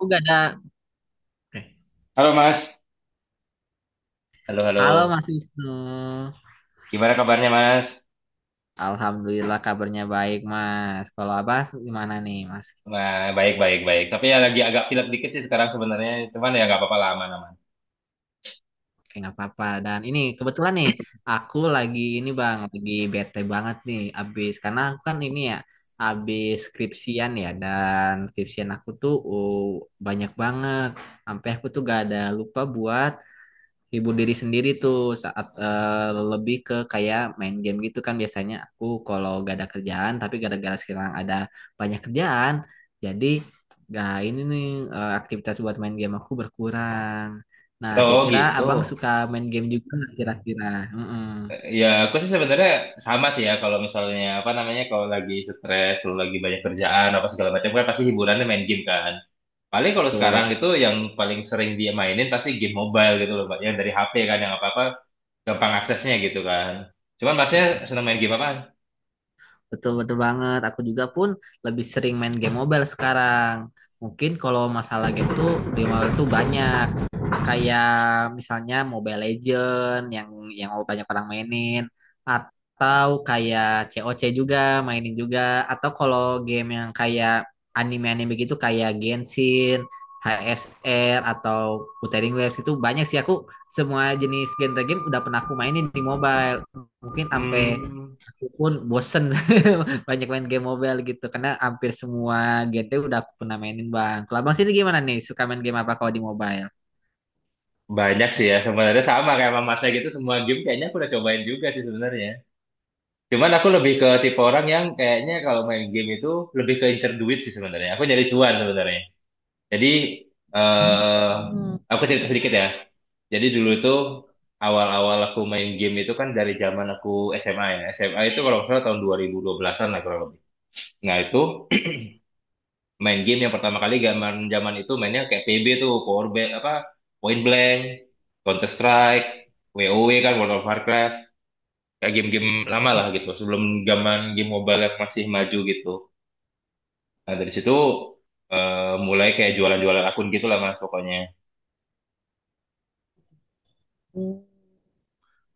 Oh, gak ada. Oke. Halo Mas. Halo, halo. Halo Mas Wisnu. Gimana kabarnya Mas? Alhamdulillah kabarnya baik Mas. Kalau Abas gimana nih Mas? Nah, baik, baik, baik. Tapi ya lagi agak pilek dikit sih sekarang sebenarnya. Cuman ya nggak apa-apa lah, aman-aman. Kayak nggak apa-apa. Dan ini kebetulan nih aku lagi ini Bang, lagi bete banget nih abis karena aku kan ini ya abis skripsian ya dan skripsian aku tuh banyak banget. Sampai aku tuh gak ada lupa buat hibur diri sendiri tuh saat lebih ke kayak main game gitu kan, biasanya aku kalau gak ada kerjaan, tapi gara-gara sekarang ada banyak kerjaan jadi gak ini nih aktivitas buat main game aku berkurang. Nah, Oh kira-kira gitu. abang suka main game juga nggak kira-kira? Mm-mm, Ya aku sih sebenarnya sama sih ya kalau misalnya apa namanya, kalau lagi stres, kalau lagi banyak kerjaan apa segala macam kan pasti hiburannya main game kan. Paling kalau sekarang tuh. itu yang paling sering dia mainin pasti game mobile gitu loh, Mbak. Yang dari HP kan yang apa-apa gampang aksesnya gitu kan. Cuman Masnya senang main game apaan? Betul betul banget. Aku juga pun lebih sering main game mobile sekarang. Mungkin kalau masalah game tuh di mobile tuh banyak. Kayak misalnya Mobile Legend yang banyak orang mainin, atau kayak COC juga mainin juga, atau kalau game yang kayak anime-anime gitu kayak Genshin, HSR atau Wuthering Waves itu banyak sih, aku semua jenis genre game udah pernah aku mainin di mobile. Mungkin sampai Hmm. pun bosen banyak main game mobile gitu karena hampir semua genre udah aku pernah mainin bang. Kalau abang sini gimana nih? Suka main game apa kalau di mobile? Banyak sih ya, sebenarnya sama kayak sama masnya gitu, semua game kayaknya aku udah cobain juga sih sebenarnya. Cuman aku lebih ke tipe orang yang kayaknya kalau main game itu lebih ke incer duit sih sebenarnya. Aku nyari cuan sebenarnya. Jadi, eh aku cerita sedikit ya. Jadi dulu itu awal-awal aku main game itu kan dari zaman aku SMA ya. SMA itu kalau nggak salah tahun 2012-an lah kurang lebih. Nah itu main game yang pertama kali zaman zaman itu mainnya kayak P B tuh, Power Ba- apa Point Blank, Counter Strike, W O W kan, World of Warcraft, kayak game-game lama lah gitu sebelum zaman game mobile yang masih maju gitu. Nah dari situ mulai kayak jualan-jualan akun gitu lah mas pokoknya. Oh,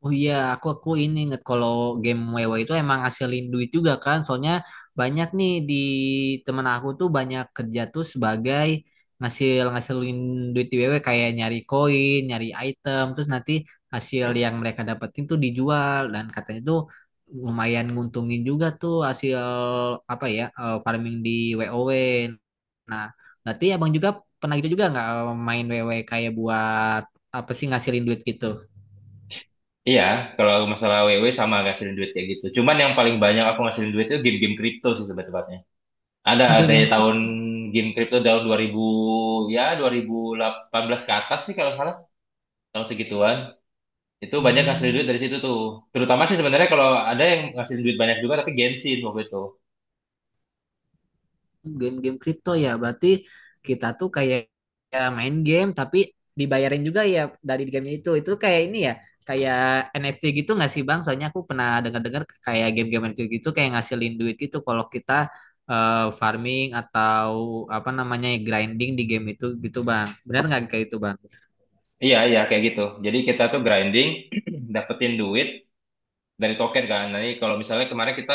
Oh, iya, aku ini inget kalau game WoW itu emang ngasilin duit juga kan. Soalnya banyak nih di temen aku tuh banyak kerja tuh sebagai ngasilin duit di WoW kayak nyari koin, nyari item, terus nanti hasil yang mereka dapetin tuh dijual dan katanya tuh lumayan nguntungin juga tuh hasil apa ya farming di WoW. Nah, berarti abang juga pernah gitu juga nggak main WoW kayak buat apa sih ngasilin duit gitu? Iya, kalau masalah W W sama ngasilin duit kayak gitu, cuman yang paling banyak aku ngasilin duit itu game-game kripto sih sebetulnya. Ada Oke, dari game. tahun, game kripto tahun 2018 ke atas sih kalau nggak salah, tahun segituan. Itu banyak ngasih Hmm. duit dari situ tuh. Terutama sih sebenarnya kalau ada yang ngasih duit banyak juga tapi gengsin waktu itu. Game-game kripto ya, berarti kita tuh kayak ya main game tapi dibayarin juga ya dari gamenya itu. Itu kayak ini ya, kayak NFT gitu nggak sih Bang? Soalnya aku pernah dengar-dengar kayak game-game NFT gitu kayak ngasilin duit gitu kalau kita farming atau apa namanya grinding di game itu gitu Bang. Benar nggak kayak itu Bang? Iya, iya kayak gitu. Jadi kita tuh grinding, dapetin duit dari token kan. Nanti kalau misalnya kemarin kita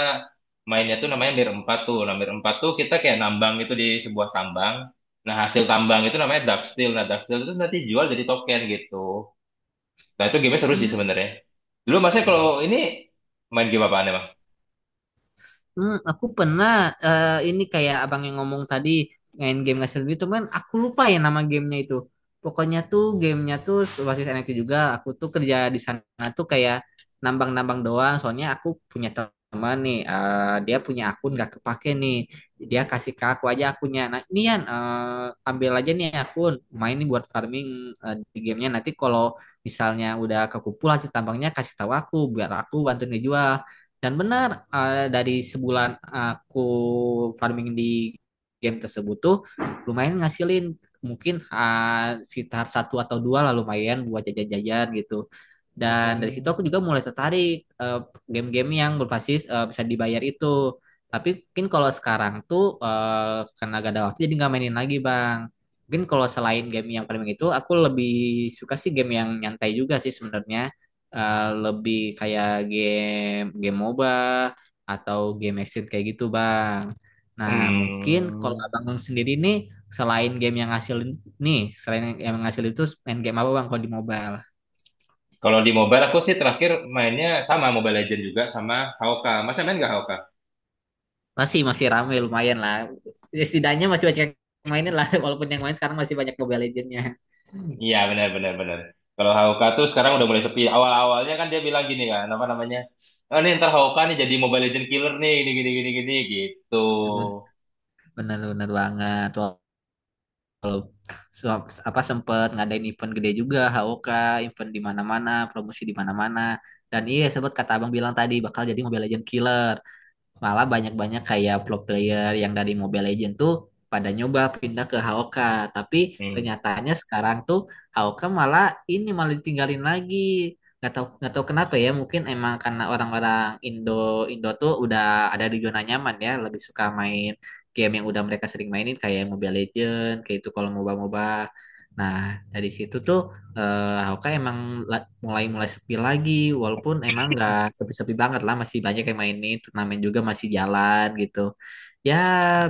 mainnya tuh namanya mir empat tuh. Nah, mir 4 tuh kita kayak nambang itu di sebuah tambang. Nah, hasil tambang itu namanya dark steel. Nah, dark steel itu nanti jual jadi token gitu. Nah, itu game seru sih sebenarnya. Dulu masnya kalau ini main game apaan emang? Hmm, aku pernah ini kayak abang yang ngomong tadi, main game ngasih duit cuman aku lupa ya nama gamenya itu. Pokoknya tuh gamenya tuh basis NFT juga. Aku tuh kerja di sana tuh kayak nambang-nambang doang. Soalnya aku punya teman nih, dia punya akun gak kepake nih. Dia kasih ke aku aja akunnya. Nah ini Yan, ambil aja nih akun. Main nih buat farming di gamenya. Nanti kalau misalnya udah kekumpul hasil tambangnya kasih tahu aku biar aku bantu ngejual. Dan benar, dari sebulan aku farming di game tersebut tuh lumayan ngasilin, mungkin sekitar satu atau dua lah, lumayan buat jajan-jajan gitu. Dan dari situ aku Hmm. juga mulai tertarik eh, game-game yang berbasis bisa dibayar itu. Tapi mungkin kalau sekarang tuh karena gak ada waktu jadi nggak mainin lagi Bang. Mungkin kalau selain game yang farming itu aku lebih suka sih game yang nyantai juga sih sebenarnya, lebih kayak game game MOBA atau game exit kayak gitu Bang. Nah, mungkin kalau Hmm. Abang sendiri nih, selain game yang ngasilin nih, selain yang ngasilin itu main game apa Bang kalau di mobile? Kalau di mobile aku sih terakhir mainnya sama Mobile Legend juga sama Hawka. Masa main nggak Hawka? Masih masih ramai lumayan lah. Ya, setidaknya masih banyak yang mainin lah walaupun yang main sekarang masih banyak Mobile Legends-nya. Iya benar benar benar. Kalau Hawka tuh sekarang udah mulai sepi. Awal-awalnya kan dia bilang gini kan, apa namanya? Oh nih ntar Hawka nih jadi Mobile Legend killer nih, gini gini gini gini gitu. Bener bener banget. Kalau apa sempet ngadain event gede juga HOK, event di mana-mana, promosi di mana-mana, dan iya sempat kata abang bilang tadi bakal jadi Mobile Legend Killer, malah banyak-banyak kayak pro player yang dari Mobile Legends tuh pada nyoba pindah ke Haoka. Tapi Hmm. kenyataannya sekarang tuh Haoka malah ini malah ditinggalin lagi, nggak tahu kenapa ya, mungkin emang karena orang-orang Indo Indo tuh udah ada di zona nyaman ya, lebih suka main game yang udah mereka sering mainin kayak Mobile Legends, kayak itu kalau MOBA MOBA. Nah, dari situ tuh Hoka emang mulai mulai sepi lagi, walaupun emang nggak sepi-sepi banget lah, masih banyak yang mainin, turnamen juga masih jalan gitu ya.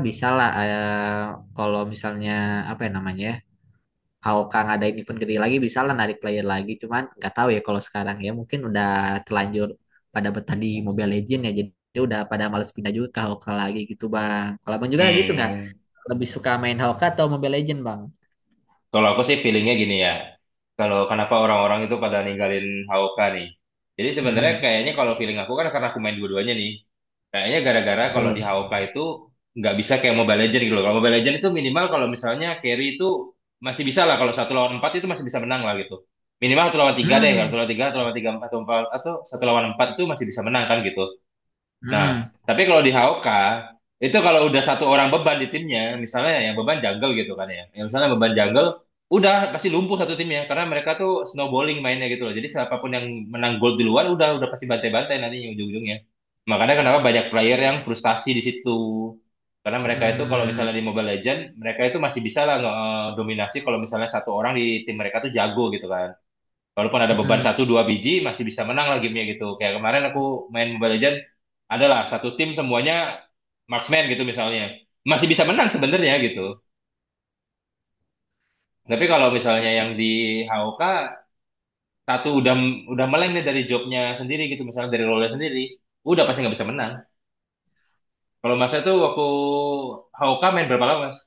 Bisa lah kalau misalnya apa ya namanya Hoka ngadain event gede lagi, bisa lah narik player lagi, cuman nggak tahu ya kalau sekarang, ya mungkin udah terlanjur pada betah di Mobile Legend ya, jadi udah pada males pindah juga ke Hoka lagi gitu bang. Kalau abang juga gitu nggak, Hmm. lebih suka main Hoka atau Mobile Legend bang? Kalau aku sih feelingnya gini ya. Kalau kenapa orang-orang itu pada ninggalin Hawka nih? Jadi sebenarnya Hmm, kayaknya kalau feeling aku kan karena aku main dua-duanya nih. Kayaknya gara-gara kalau di betul. HOK itu nggak bisa kayak Mobile Legends gitu loh. Kalau Mobile Legends itu minimal kalau misalnya carry itu masih bisa lah. Kalau satu lawan empat itu masih bisa menang lah gitu. Minimal satu lawan tiga deh. Kalau Hmm, satu lawan tiga, atau empat, atau satu lawan empat itu masih bisa menang kan gitu. Nah, hmm. tapi kalau di HOK itu kalau udah satu orang beban di timnya, misalnya yang beban jungle gitu kan ya. Yang misalnya beban jungle udah pasti lumpuh satu timnya karena mereka tuh snowballing mainnya gitu loh. Jadi siapapun yang menang gol duluan udah pasti bantai-bantai nantinya ujung-ujungnya. Makanya kenapa banyak player yang frustasi di situ. Karena mereka itu kalau misalnya Hmm, di Mobile Legends, mereka itu masih bisa lah dominasi kalau misalnya satu orang di tim mereka tuh jago gitu kan, walaupun ada beban hmm. satu dua biji masih bisa menang lah gamenya, gitu kayak kemarin aku main Mobile Legends adalah satu tim semuanya marksman gitu misalnya masih bisa menang sebenarnya gitu. Tapi kalau misalnya yang di HOK satu udah meleng nih dari jobnya sendiri gitu, misalnya dari role sendiri udah pasti nggak bisa menang. Kalau masnya itu waktu HOK main berapa lama mas?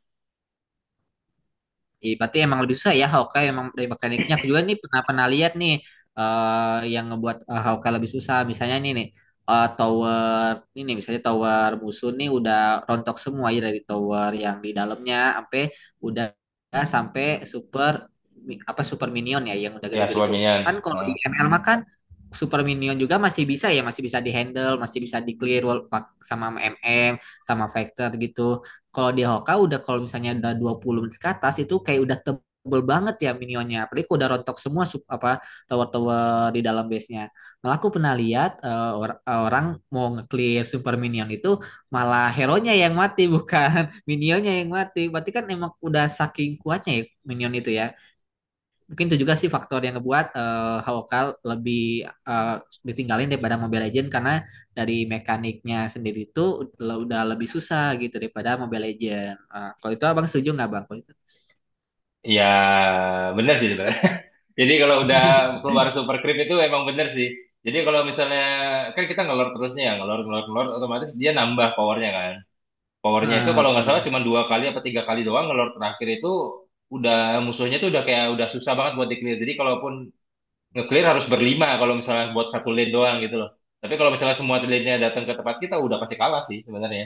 Iya, berarti emang lebih susah ya Hawkeye emang dari mekaniknya. Aku juga nih pernah pernah lihat nih yang ngebuat Hawkeye lebih susah. Misalnya nih nih tower ini nih, misalnya tower musuh nih udah rontok semua ya, dari tower yang di dalamnya sampai udah sampai super apa super minion ya yang udah Ya gede-gede tuh. suamian. Kan kalau di ML mah kan super minion juga masih bisa ya, masih bisa dihandle, masih bisa di clear, sama MM sama Factor gitu. Kalau di Hoka udah kalau misalnya udah 20 menit ke atas itu kayak udah tebel banget ya minionnya. Apalagi udah rontok semua apa tower-tower di dalam base-nya. Malah aku pernah lihat orang mau nge-clear super minion itu malah hero-nya yang mati, bukan minionnya yang mati. Berarti kan emang udah saking kuatnya ya minion itu ya, mungkin itu juga sih faktor yang ngebuat Hawkal lebih eh, ditinggalin daripada Mobile Legends, karena dari mekaniknya sendiri itu udah lebih susah gitu daripada Mobile Legends. Eh, kalau itu abang setuju nggak bang? Kalau itu? Ya, benar sih sebenarnya. Jadi kalau udah keluar super creep itu emang benar sih. Jadi kalau misalnya kan kita ngelor terusnya ya, ngelor ngelor ngelor otomatis dia nambah powernya kan. Powernya itu Nah, kalau nggak salah tuh, cuma dua kali apa tiga kali doang ngelor terakhir itu udah musuhnya tuh udah kayak udah susah banget buat di-clear. Jadi kalaupun nge-clear harus berlima kalau misalnya buat satu lane doang gitu loh. Tapi kalau misalnya semua lane-nya datang ke tempat kita udah pasti kalah sih sebenarnya.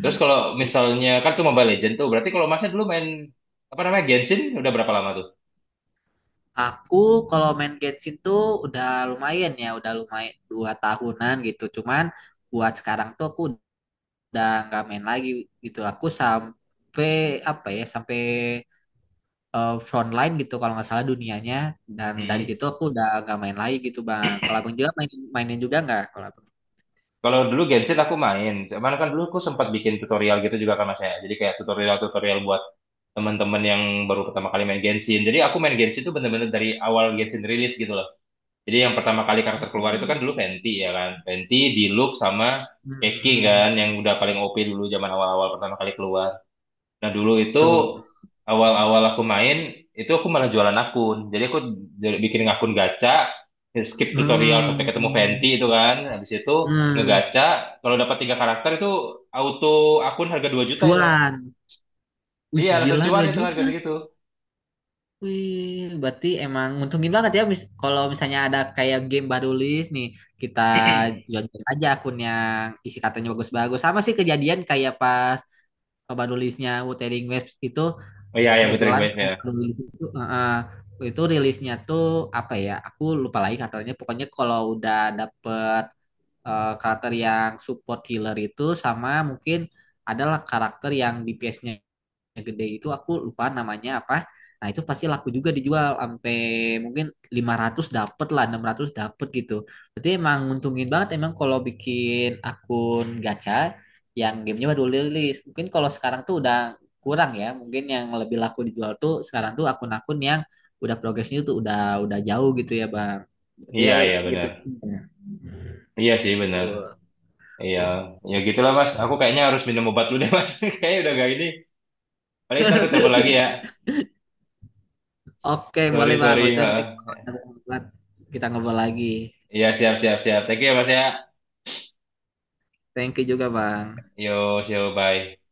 Terus kalau tuh. misalnya kan tuh Mobile Legend tuh berarti kalau masnya dulu main apa namanya Genshin udah berapa lama tuh? Aku kalau main Genshin tuh udah lumayan ya, udah lumayan 2 tahunan gitu. Cuman buat sekarang tuh aku udah nggak main lagi gitu. Aku sampai apa ya, sampai frontline gitu kalau nggak salah dunianya, dan dari Mm-mm. situ aku udah nggak main lagi gitu bang. Kalau abang juga main mainin juga nggak kalau abang? Kalau dulu Genshin aku main, cuman kan dulu aku sempat bikin tutorial gitu juga kan mas ya. Jadi kayak tutorial-tutorial buat teman-teman yang baru pertama kali main Genshin. Jadi aku main Genshin itu bener-bener dari awal Genshin rilis gitu loh. Jadi yang pertama kali karakter keluar itu kan Hmm, dulu Fenty ya kan. Fenty, Diluc sama Keki hmm, kan yang udah paling OP dulu zaman awal-awal pertama kali keluar. Nah dulu itu betul betul. awal-awal aku main itu aku malah jualan akun. Jadi aku bikin akun gacha, skip tutorial sampai ketemu Hmm, Fenty itu kan. Habis itu hmm. ngegacha, kalau dapat tiga karakter itu auto akun harga 2 juta itu mas. Cuan. Wih, Iya langsung gila, cuan dua itu harga juta segitu. Wih, berarti emang nguntungin banget ya, kalau misalnya ada kayak game baru list nih, kita jual-jual aja akun yang isi katanya bagus-bagus. Sama sih kejadian kayak pas baru listnya Wuthering Waves itu. Oh iya iya Putri Kebetulan Quest ya. kalau rilis itu itu rilisnya tuh apa ya? Aku lupa lagi katanya. Pokoknya kalau udah dapet karakter yang support healer itu, sama mungkin adalah karakter yang DPS-nya yang gede itu, aku lupa namanya apa. Nah, itu pasti laku juga dijual sampai mungkin 500 dapet lah, 600 dapet gitu. Berarti emang nguntungin banget emang kalau bikin akun gacha yang gamenya baru rilis. Mungkin kalau sekarang tuh udah kurang ya. Mungkin yang lebih laku dijual tuh sekarang tuh akun-akun yang udah progresnya tuh udah jauh gitu ya, Bang. Berarti ya Iya iya gitu. benar. Ya. Iya sih benar. Tuh. Iya O- ya gitulah mas. Aku kayaknya harus minum obat dulu deh mas. Kayaknya udah gak ini. Paling ntar aku telepon lagi ya. Oke, boleh Sorry Bang. Kalau sorry. itu nanti Ha. kalau ada waktu kita ngobrol lagi. Iya siap siap siap. Thank you ya mas ya. Thank you juga, Bang. Yo, yo, bye.